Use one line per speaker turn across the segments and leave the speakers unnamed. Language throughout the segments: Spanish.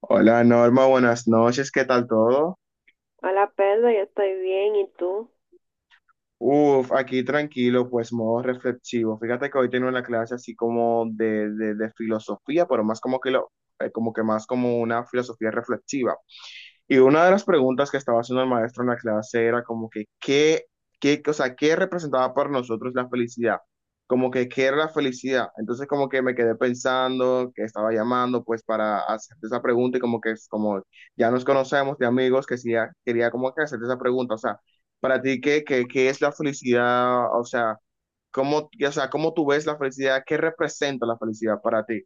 Hola Norma, buenas noches, ¿qué tal todo?
Hola Pedro, yo estoy bien, ¿y tú?
Uf, aquí tranquilo, pues modo reflexivo. Fíjate que hoy tengo una clase así como de filosofía, pero más como que como que más como una filosofía reflexiva. Y una de las preguntas que estaba haciendo el maestro en la clase era como que, ¿ o sea, ¿qué representaba para nosotros la felicidad? Como que, ¿qué era la felicidad? Entonces como que me quedé pensando que estaba llamando pues para hacerte esa pregunta y como que es como ya nos conocemos de amigos que sí, ya quería como que hacerte esa pregunta. O sea, para ti, ¿ qué es la felicidad? O sea, o sea, ¿cómo tú ves la felicidad? ¿Qué representa la felicidad para ti?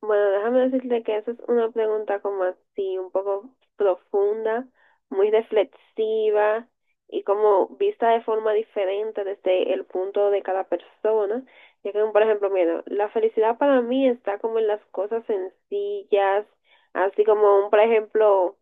Bueno, déjame decirte que esa es una pregunta como así, un poco profunda, muy reflexiva y como vista de forma diferente desde el punto de cada persona. Ya que, por ejemplo, mira, la felicidad para mí está como en las cosas sencillas, así como un, por ejemplo,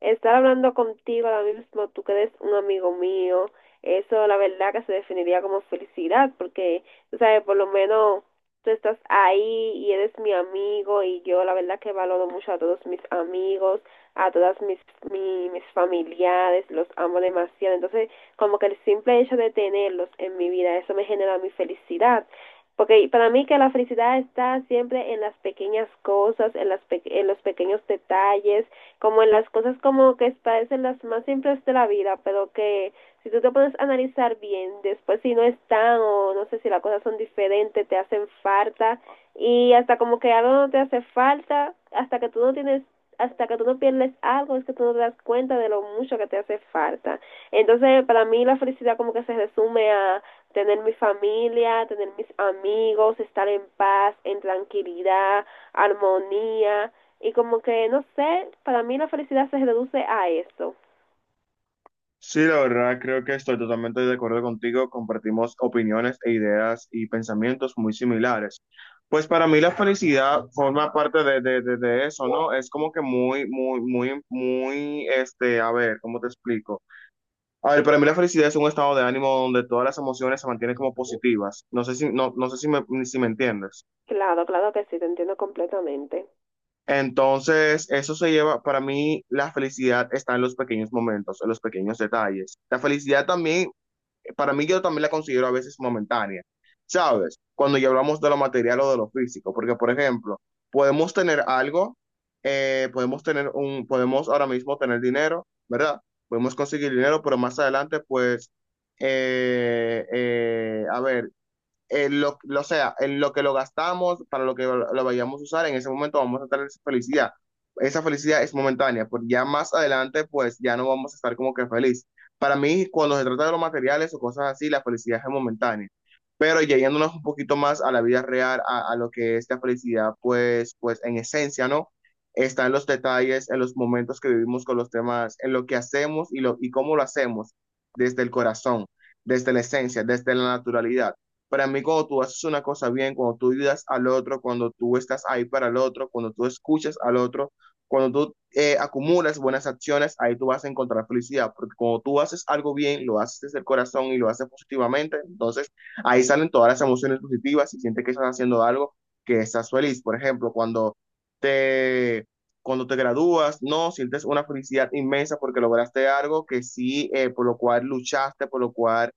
estar hablando contigo ahora mismo, tú que eres un amigo mío, eso la verdad que se definiría como felicidad, porque, tú sabes, por lo menos tú estás ahí y eres mi amigo y yo la verdad que valoro mucho a todos mis amigos, a todas mis familiares, los amo demasiado. Entonces, como que el simple hecho de tenerlos en mi vida, eso me genera mi felicidad. Porque para mí que la felicidad está siempre en las pequeñas cosas, en, en los pequeños detalles, como en las cosas como que parecen las más simples de la vida, pero que si tú te puedes analizar bien, después si no están o no sé si las cosas son diferentes, te hacen falta y hasta como que algo no te hace falta, hasta que tú no pierdes algo, es que tú no te das cuenta de lo mucho que te hace falta. Entonces, para mí la felicidad como que se resume a tener mi familia, tener mis amigos, estar en paz, en tranquilidad, armonía y como que, no sé, para mí la felicidad se reduce a eso.
Sí, la verdad, creo que estoy totalmente de acuerdo contigo. Compartimos opiniones e ideas y pensamientos muy similares. Pues para mí la felicidad forma parte de eso, ¿no? Es como que muy, a ver, ¿cómo te explico? A ver, para mí la felicidad es un estado de ánimo donde todas las emociones se mantienen como positivas. No sé si, no sé si si me entiendes.
Claro, claro que sí, te entiendo completamente.
Entonces, eso se lleva, para mí, la felicidad está en los pequeños momentos, en los pequeños detalles. La felicidad también para mí yo también la considero a veces momentánea, ¿sabes? Cuando ya hablamos de lo material o de lo físico, porque por ejemplo, podemos tener algo, podemos tener un, podemos ahora mismo tener dinero, ¿verdad? Podemos conseguir dinero, pero más adelante, pues, a ver, en en lo que lo gastamos, para lo que lo vayamos a usar, en ese momento vamos a tener esa felicidad. Esa felicidad es momentánea, porque ya más adelante, pues ya no vamos a estar como que feliz. Para mí, cuando se trata de los materiales o cosas así, la felicidad es momentánea. Pero ya yéndonos un poquito más a la vida real, a lo que es la felicidad, pues, pues en esencia, ¿no? Está en los detalles, en los momentos que vivimos con los demás, en lo que hacemos y cómo lo hacemos, desde el corazón, desde la esencia, desde la naturalidad. Para mí, cuando tú haces una cosa bien, cuando tú ayudas al otro, cuando tú estás ahí para el otro, cuando tú escuchas al otro, cuando tú acumulas buenas acciones, ahí tú vas a encontrar felicidad, porque cuando tú haces algo bien, lo haces desde el corazón y lo haces positivamente, entonces ahí salen todas las emociones positivas y sientes que estás haciendo algo, que estás feliz. Por ejemplo, cuando te, cuando te gradúas, no, sientes una felicidad inmensa porque lograste algo que sí, por lo cual luchaste, por lo cual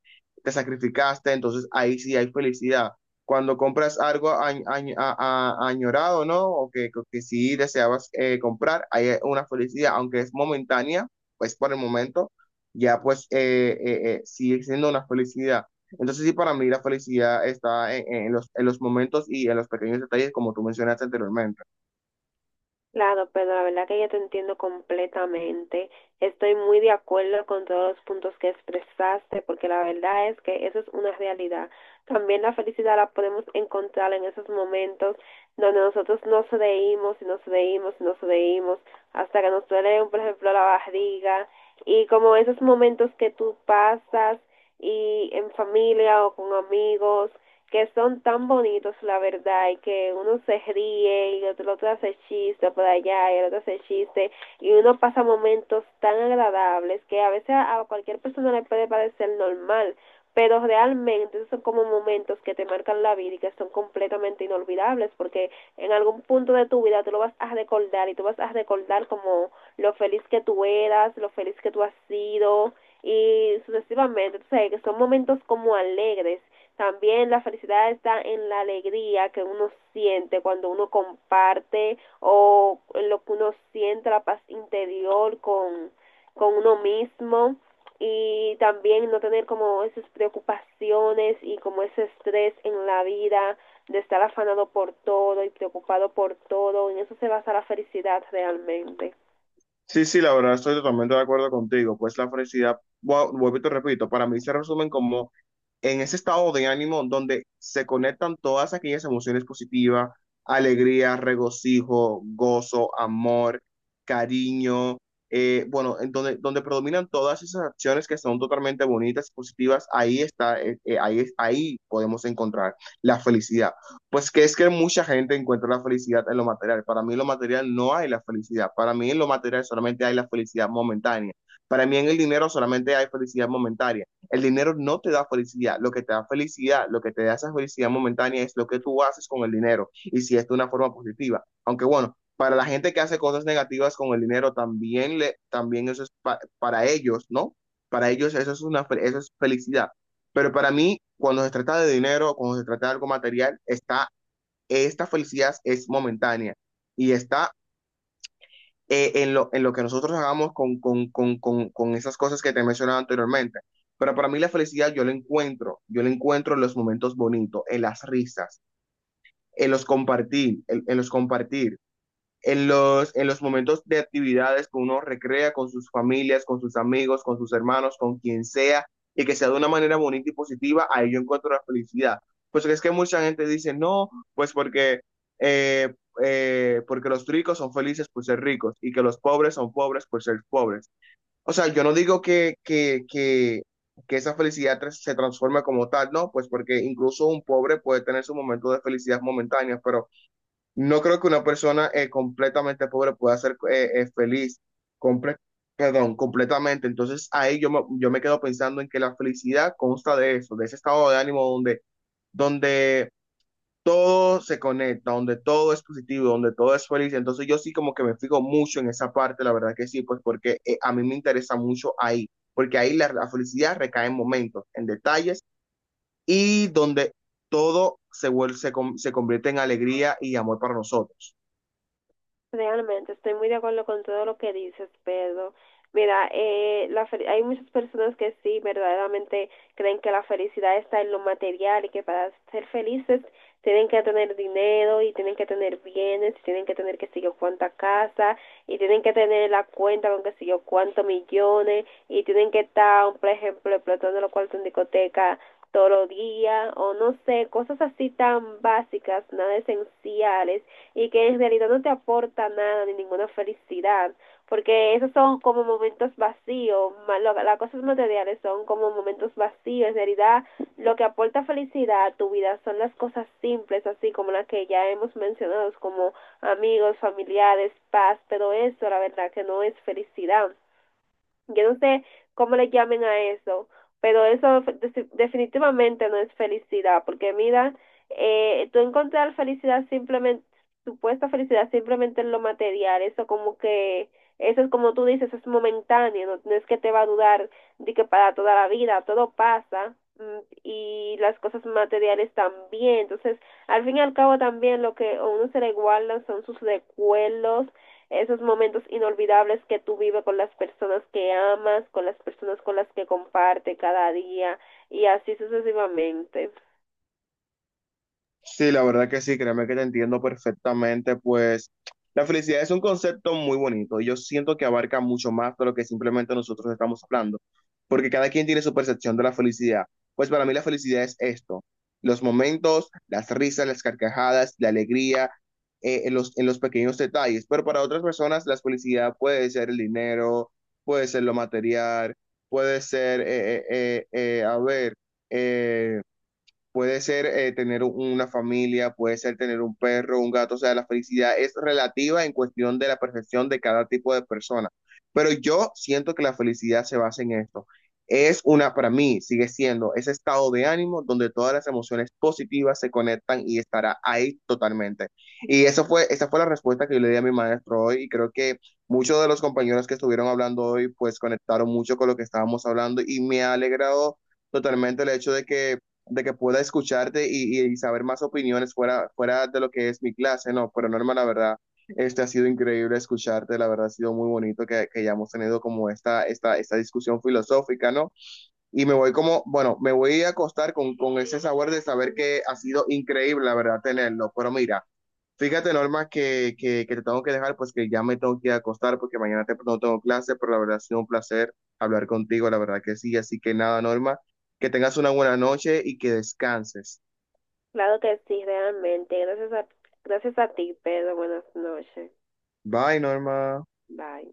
te sacrificaste, entonces ahí sí hay felicidad. Cuando compras algo añorado, ¿no? O que sí deseabas comprar, hay una felicidad, aunque es momentánea, pues por el momento, ya pues sigue siendo una felicidad. Entonces sí, para mí la felicidad está en los momentos y en los pequeños detalles, como tú mencionaste anteriormente.
Claro, pero la verdad que yo te entiendo completamente. Estoy muy de acuerdo con todos los puntos que expresaste, porque la verdad es que eso es una realidad. También la felicidad la podemos encontrar en esos momentos donde nosotros no nos reímos y nos reímos y nos reímos hasta que nos duele, por ejemplo, la barriga. Y como esos momentos que tú pasas y en familia o con amigos que son tan bonitos, la verdad, y que uno se ríe y el otro hace chiste por allá y el otro hace chiste, y uno pasa momentos tan agradables que a veces a cualquier persona le puede parecer normal, pero realmente esos son como momentos que te marcan la vida y que son completamente inolvidables porque en algún punto de tu vida tú lo vas a recordar y tú vas a recordar como lo feliz que tú eras, lo feliz que tú has sido y sucesivamente, tú sabes que son momentos como alegres. También la felicidad está en la alegría que uno siente cuando uno comparte o en lo que uno siente, la paz interior con uno mismo y también no tener como esas preocupaciones y como ese estrés en la vida de estar afanado por todo y preocupado por todo. En eso se basa la felicidad realmente.
Sí, sí, la verdad, estoy totalmente de acuerdo contigo. Pues la felicidad, vuelvo y te repito, para mí se resumen como en ese estado de ánimo donde se conectan todas aquellas emociones positivas, alegría, regocijo, gozo, amor, cariño, bueno, donde predominan todas esas acciones que son totalmente bonitas y positivas, ahí está, ahí podemos encontrar la felicidad. Pues que es que mucha gente encuentra la felicidad en lo material. Para mí en lo material no hay la felicidad. Para mí en lo material solamente hay la felicidad momentánea. Para mí en el dinero solamente hay felicidad momentánea. El dinero no te da felicidad. Lo que te da felicidad, lo que te da esa felicidad momentánea es lo que tú haces con el dinero y si es de una forma positiva. Aunque bueno, para la gente que hace cosas negativas con el dinero, también, también eso es pa para ellos, ¿no? Para ellos eso es, eso es felicidad. Pero para mí, cuando se trata de dinero, cuando se trata de algo material, esta felicidad es momentánea y está en en lo que nosotros hagamos con esas cosas que te mencionaba anteriormente. Pero para mí la felicidad yo la encuentro en los momentos bonitos, en las risas, en los compartir, en los compartir en en los momentos de actividades que uno recrea con sus familias, con sus amigos, con sus hermanos, con quien sea, y que sea de una manera bonita y positiva, ahí yo encuentro la felicidad. Pues es que mucha gente dice, no, pues porque, eh, porque los ricos son felices por ser ricos y que los pobres son pobres por ser pobres. O sea, yo no digo que esa felicidad se transforme como tal, no, pues porque incluso un pobre puede tener su momento de felicidad momentánea, pero no creo que una persona completamente pobre pueda ser feliz, comple- perdón, completamente. Entonces ahí yo me quedo pensando en que la felicidad consta de eso, de ese estado de ánimo donde todo se conecta, donde todo es positivo, donde todo es feliz. Entonces yo sí como que me fijo mucho en esa parte, la verdad que sí, pues porque a mí me interesa mucho ahí, porque ahí la felicidad recae en momentos, en detalles y donde todo se, vuel- se, com- se convierte en alegría y amor para nosotros.
Realmente estoy muy de acuerdo con todo lo que dices, Pedro. Mira, hay muchas personas que sí, verdaderamente creen que la felicidad está en lo material y que para ser felices tienen que tener dinero y tienen que tener bienes y tienen que tener que sé yo cuánta casa y tienen que tener la cuenta con que sé yo cuántos millones y tienen que estar, por ejemplo, explotando los cuartos en discoteca todos los días o no sé, cosas así tan básicas, nada esenciales y que en realidad no te aporta nada ni ninguna felicidad, porque esos son como momentos vacíos, más las cosas materiales son como momentos vacíos, en realidad lo que aporta felicidad a tu vida son las cosas simples, así como las que ya hemos mencionado, como amigos, familiares, paz, pero eso la verdad que no es felicidad. Yo no sé cómo le llamen a eso, pero eso definitivamente no es felicidad, porque mira, tú encontrar felicidad simplemente, supuesta felicidad simplemente en lo material, eso es como tú dices, es momentáneo, no, no es que te va a durar de que para toda la vida, todo pasa. Y las cosas materiales también. Entonces, al fin y al cabo también lo que a uno se le guardan son sus recuerdos, esos momentos inolvidables que tú vives con las personas que amas, con las personas con las que comparte cada día y así sucesivamente.
Sí, la verdad que sí, créeme que te entiendo perfectamente, pues la felicidad es un concepto muy bonito y yo siento que abarca mucho más de lo que simplemente nosotros estamos hablando, porque cada quien tiene su percepción de la felicidad. Pues para mí la felicidad es esto, los momentos, las risas, las carcajadas, la alegría, en en los pequeños detalles, pero para otras personas la felicidad puede ser el dinero, puede ser lo material, puede ser, a ver, eh, puede ser tener una familia, puede ser tener un perro, un gato, o sea, la felicidad es relativa en cuestión de la percepción de cada tipo de persona. Pero yo siento que la felicidad se basa en esto. Es una, para mí, sigue siendo ese estado de ánimo donde todas las emociones positivas se conectan y estará ahí totalmente. Y esa fue la respuesta que yo le di a mi maestro hoy y creo que muchos de los compañeros que estuvieron hablando hoy pues conectaron mucho con lo que estábamos hablando y me ha alegrado totalmente el hecho de que pueda escucharte y saber más opiniones fuera de lo que es mi clase, no, pero Norma, la verdad, este ha sido increíble escucharte, la verdad ha sido muy bonito que hayamos tenido como esta discusión filosófica, ¿no? Y me voy como, bueno, me voy a acostar con ese sabor de saber que ha sido increíble, la verdad, tenerlo, pero mira, fíjate, Norma, que te tengo que dejar, pues que ya me tengo que ir a acostar porque mañana no tengo clase, pero la verdad ha sido un placer hablar contigo, la verdad que sí. Así que nada, Norma, que tengas una buena noche y que descanses.
Claro que sí, realmente. Gracias a ti, Pedro. Buenas noches.
Bye, Norma.
Bye.